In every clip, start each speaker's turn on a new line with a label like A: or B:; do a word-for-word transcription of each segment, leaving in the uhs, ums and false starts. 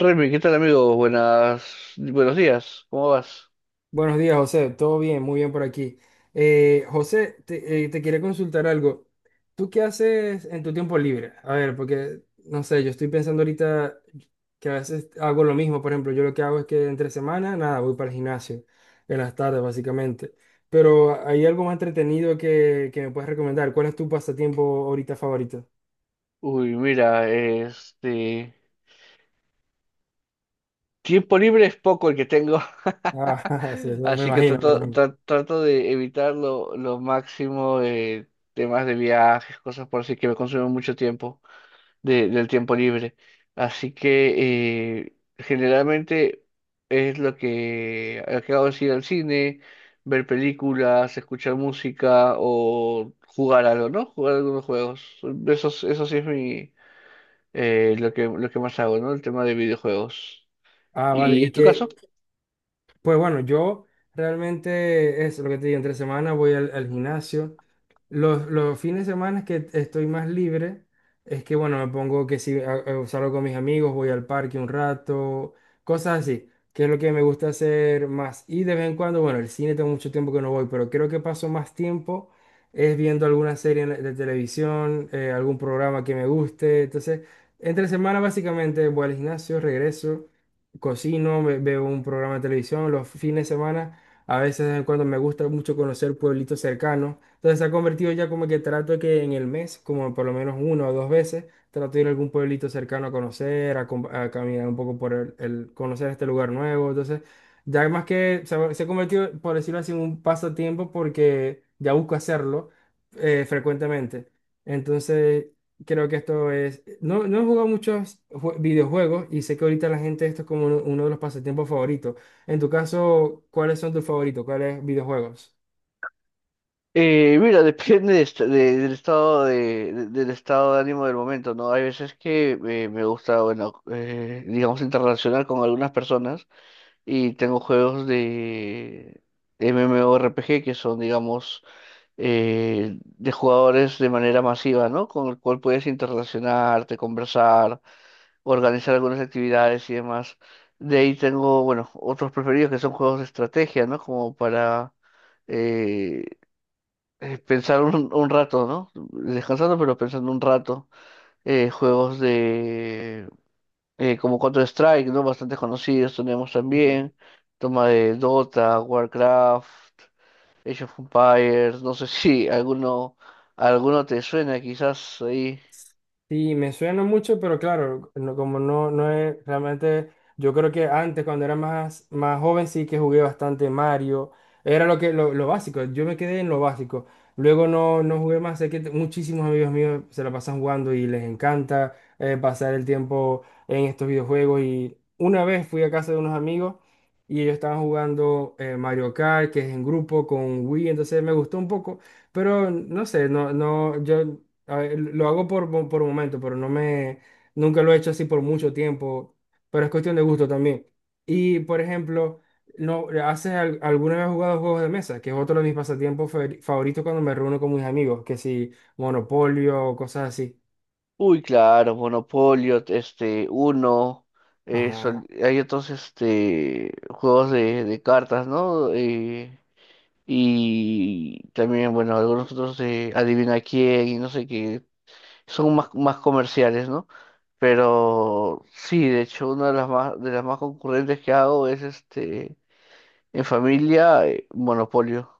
A: Remy, ¿qué tal amigo? Buenas, buenos días, ¿cómo vas?
B: Buenos días, José. Todo bien, muy bien por aquí. Eh, José, te, eh, te quería consultar algo. ¿Tú qué haces en tu tiempo libre? A ver, porque, no sé, yo estoy pensando ahorita que a veces hago lo mismo. Por ejemplo, yo lo que hago es que entre semana, nada, voy para el gimnasio en las tardes, básicamente. Pero hay algo más entretenido que, que me puedes recomendar. ¿Cuál es tu pasatiempo ahorita favorito?
A: Uy, mira, este tiempo libre es poco el que tengo,
B: Ah, sí, eso me
A: así que
B: imagino, me
A: trato,
B: imagino.
A: tra- trato de evitar lo, lo máximo de temas de viajes, cosas por así que me consumen mucho tiempo de- del tiempo libre. Así que eh, generalmente es lo que, lo que hago es ir al cine, ver películas, escuchar música o jugar algo, ¿no? Jugar algunos juegos. Eso, es- eso sí es mi, eh, lo que, lo que más hago, ¿no? El tema de videojuegos.
B: Ah, vale.
A: ¿Y
B: ¿Y
A: en tu
B: qué?
A: caso?
B: Pues bueno, yo realmente es lo que te digo, entre semana voy al, al gimnasio. Los, los fines de semana que estoy más libre, es que bueno, me pongo que si a- a- salgo con mis amigos, voy al parque un rato, cosas así, que es lo que me gusta hacer más. Y de vez en cuando, bueno, el cine tengo mucho tiempo que no voy, pero creo que paso más tiempo es viendo alguna serie en la- de televisión, eh, algún programa que me guste. Entonces, entre semana básicamente voy al gimnasio, regreso, cocino, ve- veo un programa de televisión los fines de semana. A veces de vez en cuando me gusta mucho conocer pueblitos cercanos. Entonces se ha convertido ya como que trato de que en el mes, como por lo menos una o dos veces, trato de ir a algún pueblito cercano a conocer, a, com- a caminar un poco por el, el- conocer este lugar nuevo. Entonces, ya más que se ha, se ha convertido, por decirlo así, en un pasatiempo porque ya busco hacerlo eh, frecuentemente. Entonces, creo que esto es. No, no he jugado muchos jue- videojuegos y sé que ahorita la gente esto es como uno, uno de los pasatiempos favoritos. En tu caso, ¿cuáles son tus favoritos? ¿Cuáles videojuegos?
A: Eh, mira, depende de est- de- del estado de, de- del estado de ánimo del momento, ¿no? Hay veces que eh, me gusta, bueno, eh, digamos, interrelacionar con algunas personas. Y tengo juegos de M M O R P G que son, digamos, eh, de jugadores de manera masiva, ¿no? Con el cual puedes interrelacionarte, conversar, organizar algunas actividades y demás. De ahí tengo, bueno, otros preferidos que son juegos de estrategia, ¿no? Como para eh, eh, pensar un, un rato, ¿no? Descansando, pero pensando un rato. Eh, juegos eh, como Counter-Strike, ¿no? Bastante conocidos tenemos también, toma de Dota, Warcraft, Age of Empires, no sé si alguno, alguno te suena quizás ahí.
B: Sí, me suena mucho, pero claro, no- como no, no es realmente, yo creo que antes cuando era más, más joven sí que jugué bastante Mario, era lo que lo, lo básico, yo me quedé en lo básico, luego no, no jugué más, sé que t- muchísimos amigos míos se la pasan jugando y les encanta eh, pasar el tiempo en estos videojuegos, y una vez fui a casa de unos amigos y ellos estaban jugando eh, Mario Kart, que es en grupo con Wii, entonces me gustó un poco. Pero no sé, no, no, yo a ver, lo hago por, mo- por momento, pero no me, nunca lo he hecho así por mucho tiempo, pero es cuestión de gusto también. Y, por ejemplo, no, ¿haces al- alguna vez has jugado juegos de mesa? Que es otro de mis pasatiempos fa- favoritos cuando me reúno con mis amigos, que si Monopolio o cosas así.
A: Uy, claro, Monopolio, este, Uno, eh, sol-
B: Ajá.
A: hay otros, este, juegos de, de cartas, ¿no? Eh, y también, bueno, algunos otros de Adivina quién y no sé qué, son más, más comerciales, ¿no? Pero sí, de hecho, una de las más, de las más concurrentes que hago es, este, en familia, eh, Monopolio.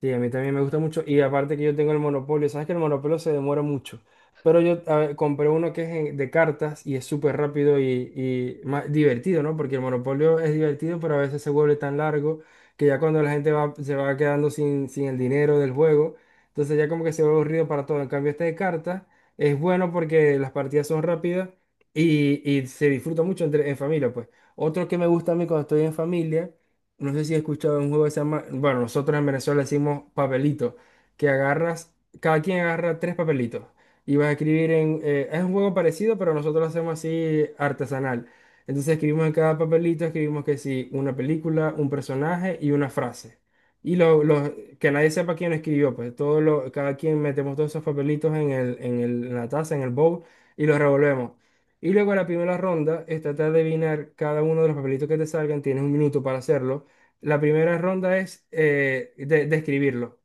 B: Sí, a mí también me gusta mucho. Y aparte que yo tengo el monopolio, sabes que el monopolio se demora mucho. Pero yo a ver, compré uno que es en- de cartas y es súper rápido y, y más divertido, ¿no? Porque el monopolio es divertido, pero a veces se vuelve tan largo que ya cuando la gente va, se va quedando sin, sin el dinero del juego, entonces ya como que se vuelve aburrido para todo. En cambio, este de cartas es bueno porque las partidas son rápidas y, y se disfruta mucho entre, en familia, pues. Otro que me gusta a mí cuando estoy en familia. No sé si has escuchado un juego que se llama, bueno, nosotros en Venezuela decimos papelito, que agarras, cada quien agarra tres papelitos y vas a escribir en, eh, es un juego parecido, pero nosotros lo hacemos así artesanal. Entonces escribimos en cada papelito, escribimos que sí, una película, un personaje y una frase. Y lo, lo- que nadie sepa quién escribió, pues todo lo, cada quien metemos todos esos papelitos en el, en el- en la taza, en el bowl, y los revolvemos. Y luego la primera ronda es tratar de adivinar cada uno de los papelitos que te salgan, tienes un minuto para hacerlo. La primera ronda es eh, de, describirlo.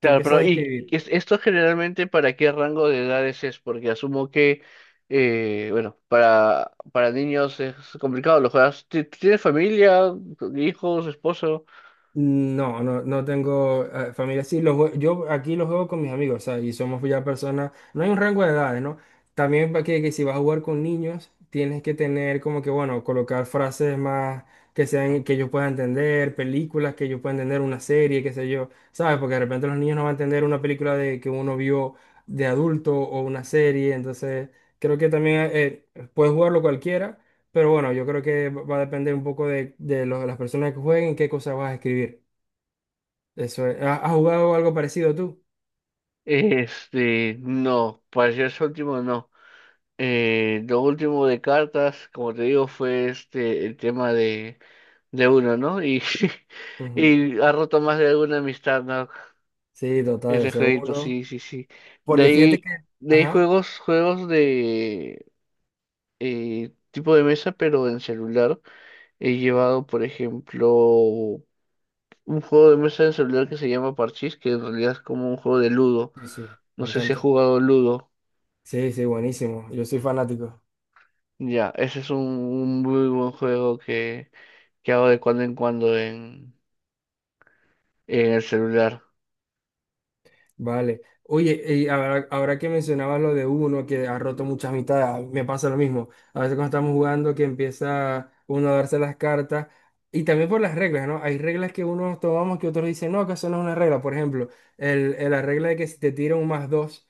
B: Tú empiezas
A: pero
B: a
A: ¿y
B: describir.
A: es- esto generalmente para qué rango de edades es? Porque asumo que, eh, bueno, para, para niños es complicado, lo juegas, ti- ¿tienes familia, hijos, esposo?
B: No, no, no tengo eh, familia. Sí, los jue- yo aquí los juego con mis amigos, o sea, y somos ya personas. No hay un rango de edades, ¿no? También para que, que si vas a jugar con niños, tienes que tener como que, bueno, colocar frases más que sean que ellos puedan entender, películas que ellos puedan entender, una serie, qué sé yo, ¿sabes? Porque de repente los niños no van a entender una película de que uno vio de adulto o una serie, entonces creo que también eh, puedes jugarlo cualquiera. Pero bueno, yo creo que va a depender un poco de, de lo- las personas que jueguen, qué cosas vas a escribir. Eso es. ¿Has has jugado algo parecido tú?
A: Este, no, para ser su último no. Eh, lo último de cartas, como te digo, fue, este, el tema de uno, ¿no? Y,
B: Ujú.
A: y ha roto más de alguna amistad, ¿no?
B: Sí, total,
A: Ese
B: ese
A: jueguito,
B: uno.
A: sí, sí, sí. De
B: Porque fíjate
A: ahí,
B: que...
A: de ahí
B: Ajá.
A: juegos, juegos de eh, tipo de mesa, pero en celular. He llevado, por ejemplo, un juego de mesa en celular que se llama Parchís, que en realidad es como un juego de Ludo.
B: Sí, sí,
A: No
B: me
A: sé si has
B: encanta.
A: jugado Ludo.
B: Sí, sí, buenísimo. Yo soy fanático.
A: Ya, ese es un, un muy buen juego que, que hago de cuando en cuando en, en el celular.
B: Vale. Oye, y ahora, ahora que mencionabas lo de uno que ha roto muchas mitades, a mí me pasa lo mismo. A veces cuando estamos jugando que empieza uno a darse las cartas y también por las reglas, ¿no? Hay reglas que unos tomamos que otros dicen, no, que eso no es una regla. Por ejemplo, el, el- la regla de que si te tira un más dos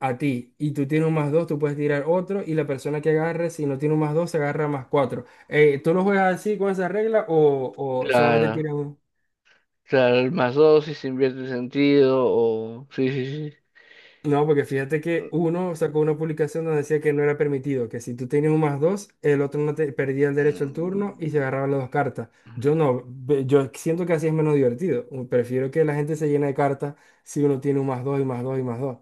B: a ti y tú tienes un más dos, tú puedes tirar otro y la persona que agarre, si no tiene un más dos, se agarra más cuatro. Eh, ¿tú lo juegas así con esa regla o, o solamente
A: Claro.
B: tiras un...
A: Claro, el más dos si se invierte el sentido o... Sí, sí, sí.
B: No, porque fíjate que uno sacó una publicación donde decía que no era permitido, que si tú tenías un más dos, el otro no te perdía el derecho al turno y se
A: Mm.
B: agarraban las dos cartas.
A: Ujú.
B: Yo no, ve- yo siento que así es menos divertido. Uh, Prefiero que la gente se llene de cartas si uno tiene un más dos y más dos y más dos.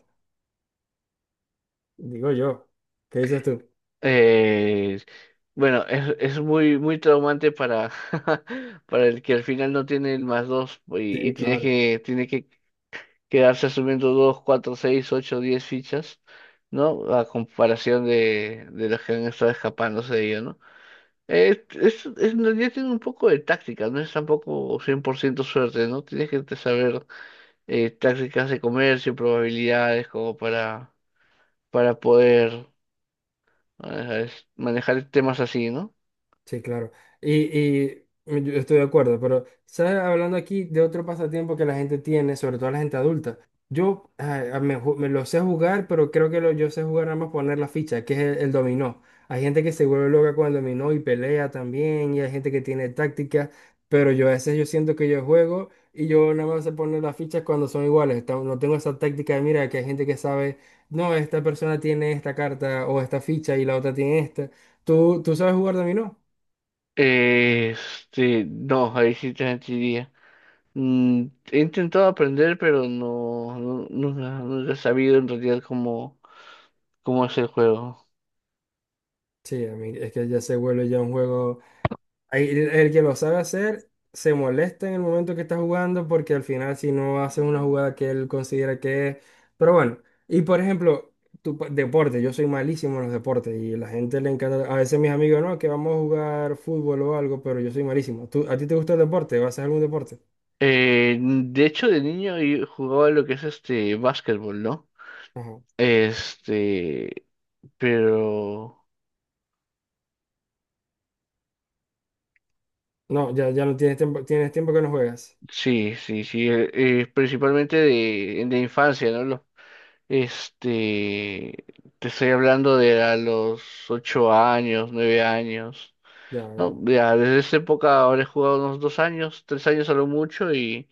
B: Digo yo. ¿Qué dices tú?
A: Eh, bueno, es, es muy, muy traumante para, para el que al final no tiene el más dos y, y
B: Sí,
A: tiene
B: claro.
A: que, tiene que quedarse asumiendo dos, cuatro, seis, ocho, diez fichas, ¿no? A comparación de, de los que han estado escapándose de ello, ¿no? Eh, es, es, en realidad tiene un poco de táctica, no es tampoco cien por ciento suerte, ¿no? Tienes que te saber, eh, tácticas de comercio, probabilidades, como para, para poder ah, es- manejar temas así, ¿no?
B: Sí, claro. Y, y yo estoy de acuerdo, pero, ¿sabes? Hablando aquí de otro pasatiempo que la gente tiene, sobre todo la gente adulta. Yo ay, a- me, ju- me lo sé jugar, pero creo que lo, yo sé jugar nada más poner la ficha, que es el, el dominó. Hay gente que se vuelve loca con el dominó y pelea también, y hay gente que tiene táctica, pero yo a veces yo siento que yo juego y yo nada más sé poner las fichas cuando son iguales. ta- No tengo esa táctica de, mira, que hay gente que sabe, no, esta persona tiene esta carta o esta ficha y la otra tiene esta. ¿Tú, tú sabes jugar dominó?
A: Este, no, ahí sí te mentiría. Mm, he intentado aprender, pero no, nu- nunca, nunca he sabido en realidad cómo, cómo es el juego.
B: Sí, a mí es que ya se vuelve ya un juego. Ahí El, el que lo sabe hacer se molesta en el momento que está jugando porque al final si no hace una jugada que él considera que es. Pero bueno, y por ejemplo, tu pa- deporte, yo soy malísimo en los deportes y la gente le encanta. A veces mis amigos, no, que vamos a jugar fútbol o algo, pero yo soy malísimo. ¿Tú, a ti te gusta el deporte? ¿Vas a hacer algún deporte?
A: Eh, de hecho, de niño yo jugaba lo que es este básquetbol, ¿no?
B: Ajá.
A: Este, pero
B: No, ya, ya no tienes tiempo, tienes tiempo que no juegas.
A: sí, sí, sí, eh, eh, principalmente de, de infancia, ¿no? Los… Este, Te estoy hablando de a los ocho años, nueve años.
B: Ya,
A: No,
B: ya.
A: ya desde esa época ahora he jugado unos dos años, tres años a lo mucho y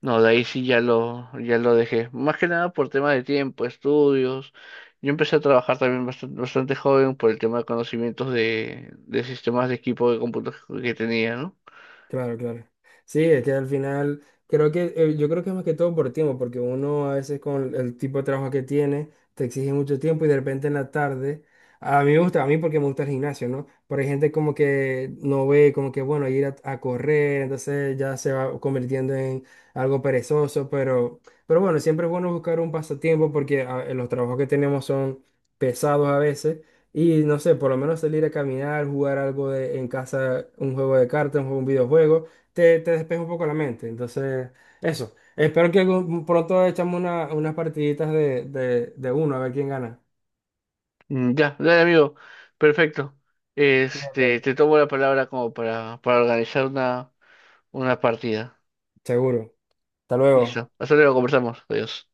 A: no, de ahí sí ya lo, ya lo dejé. Más que nada por tema de tiempo, estudios. Yo empecé a trabajar también bastante, bastante joven por el tema de conocimientos de, de sistemas de equipo de computación que tenía, ¿no?
B: Claro, claro. Sí, es que al final, creo que, eh, yo creo que es más que todo por tiempo, porque uno a veces con el tipo de trabajo que tiene, te exige mucho tiempo y de repente en la tarde, a mí me gusta, a mí porque me gusta el gimnasio, ¿no? Pero hay gente como que no ve, como que, bueno, ir a, a correr, entonces ya se va convirtiendo en algo perezoso, pero, pero bueno, siempre es bueno buscar un pasatiempo porque ah, los trabajos que tenemos son pesados a veces. Y no sé, por lo menos salir a caminar, jugar algo de, en casa, un juego de cartas, un juego, un videojuego, te, te despeja un poco la mente. Entonces, eso. Espero que algún- pronto echamos una- unas partiditas de, de, de uno, a ver quién gana.
A: Mm, ya, dale amigo, perfecto. Este,
B: Cuídate.
A: te tomo la palabra como para, para organizar una Una partida.
B: Seguro. Hasta luego.
A: Listo. Hasta luego, conversamos. Adiós.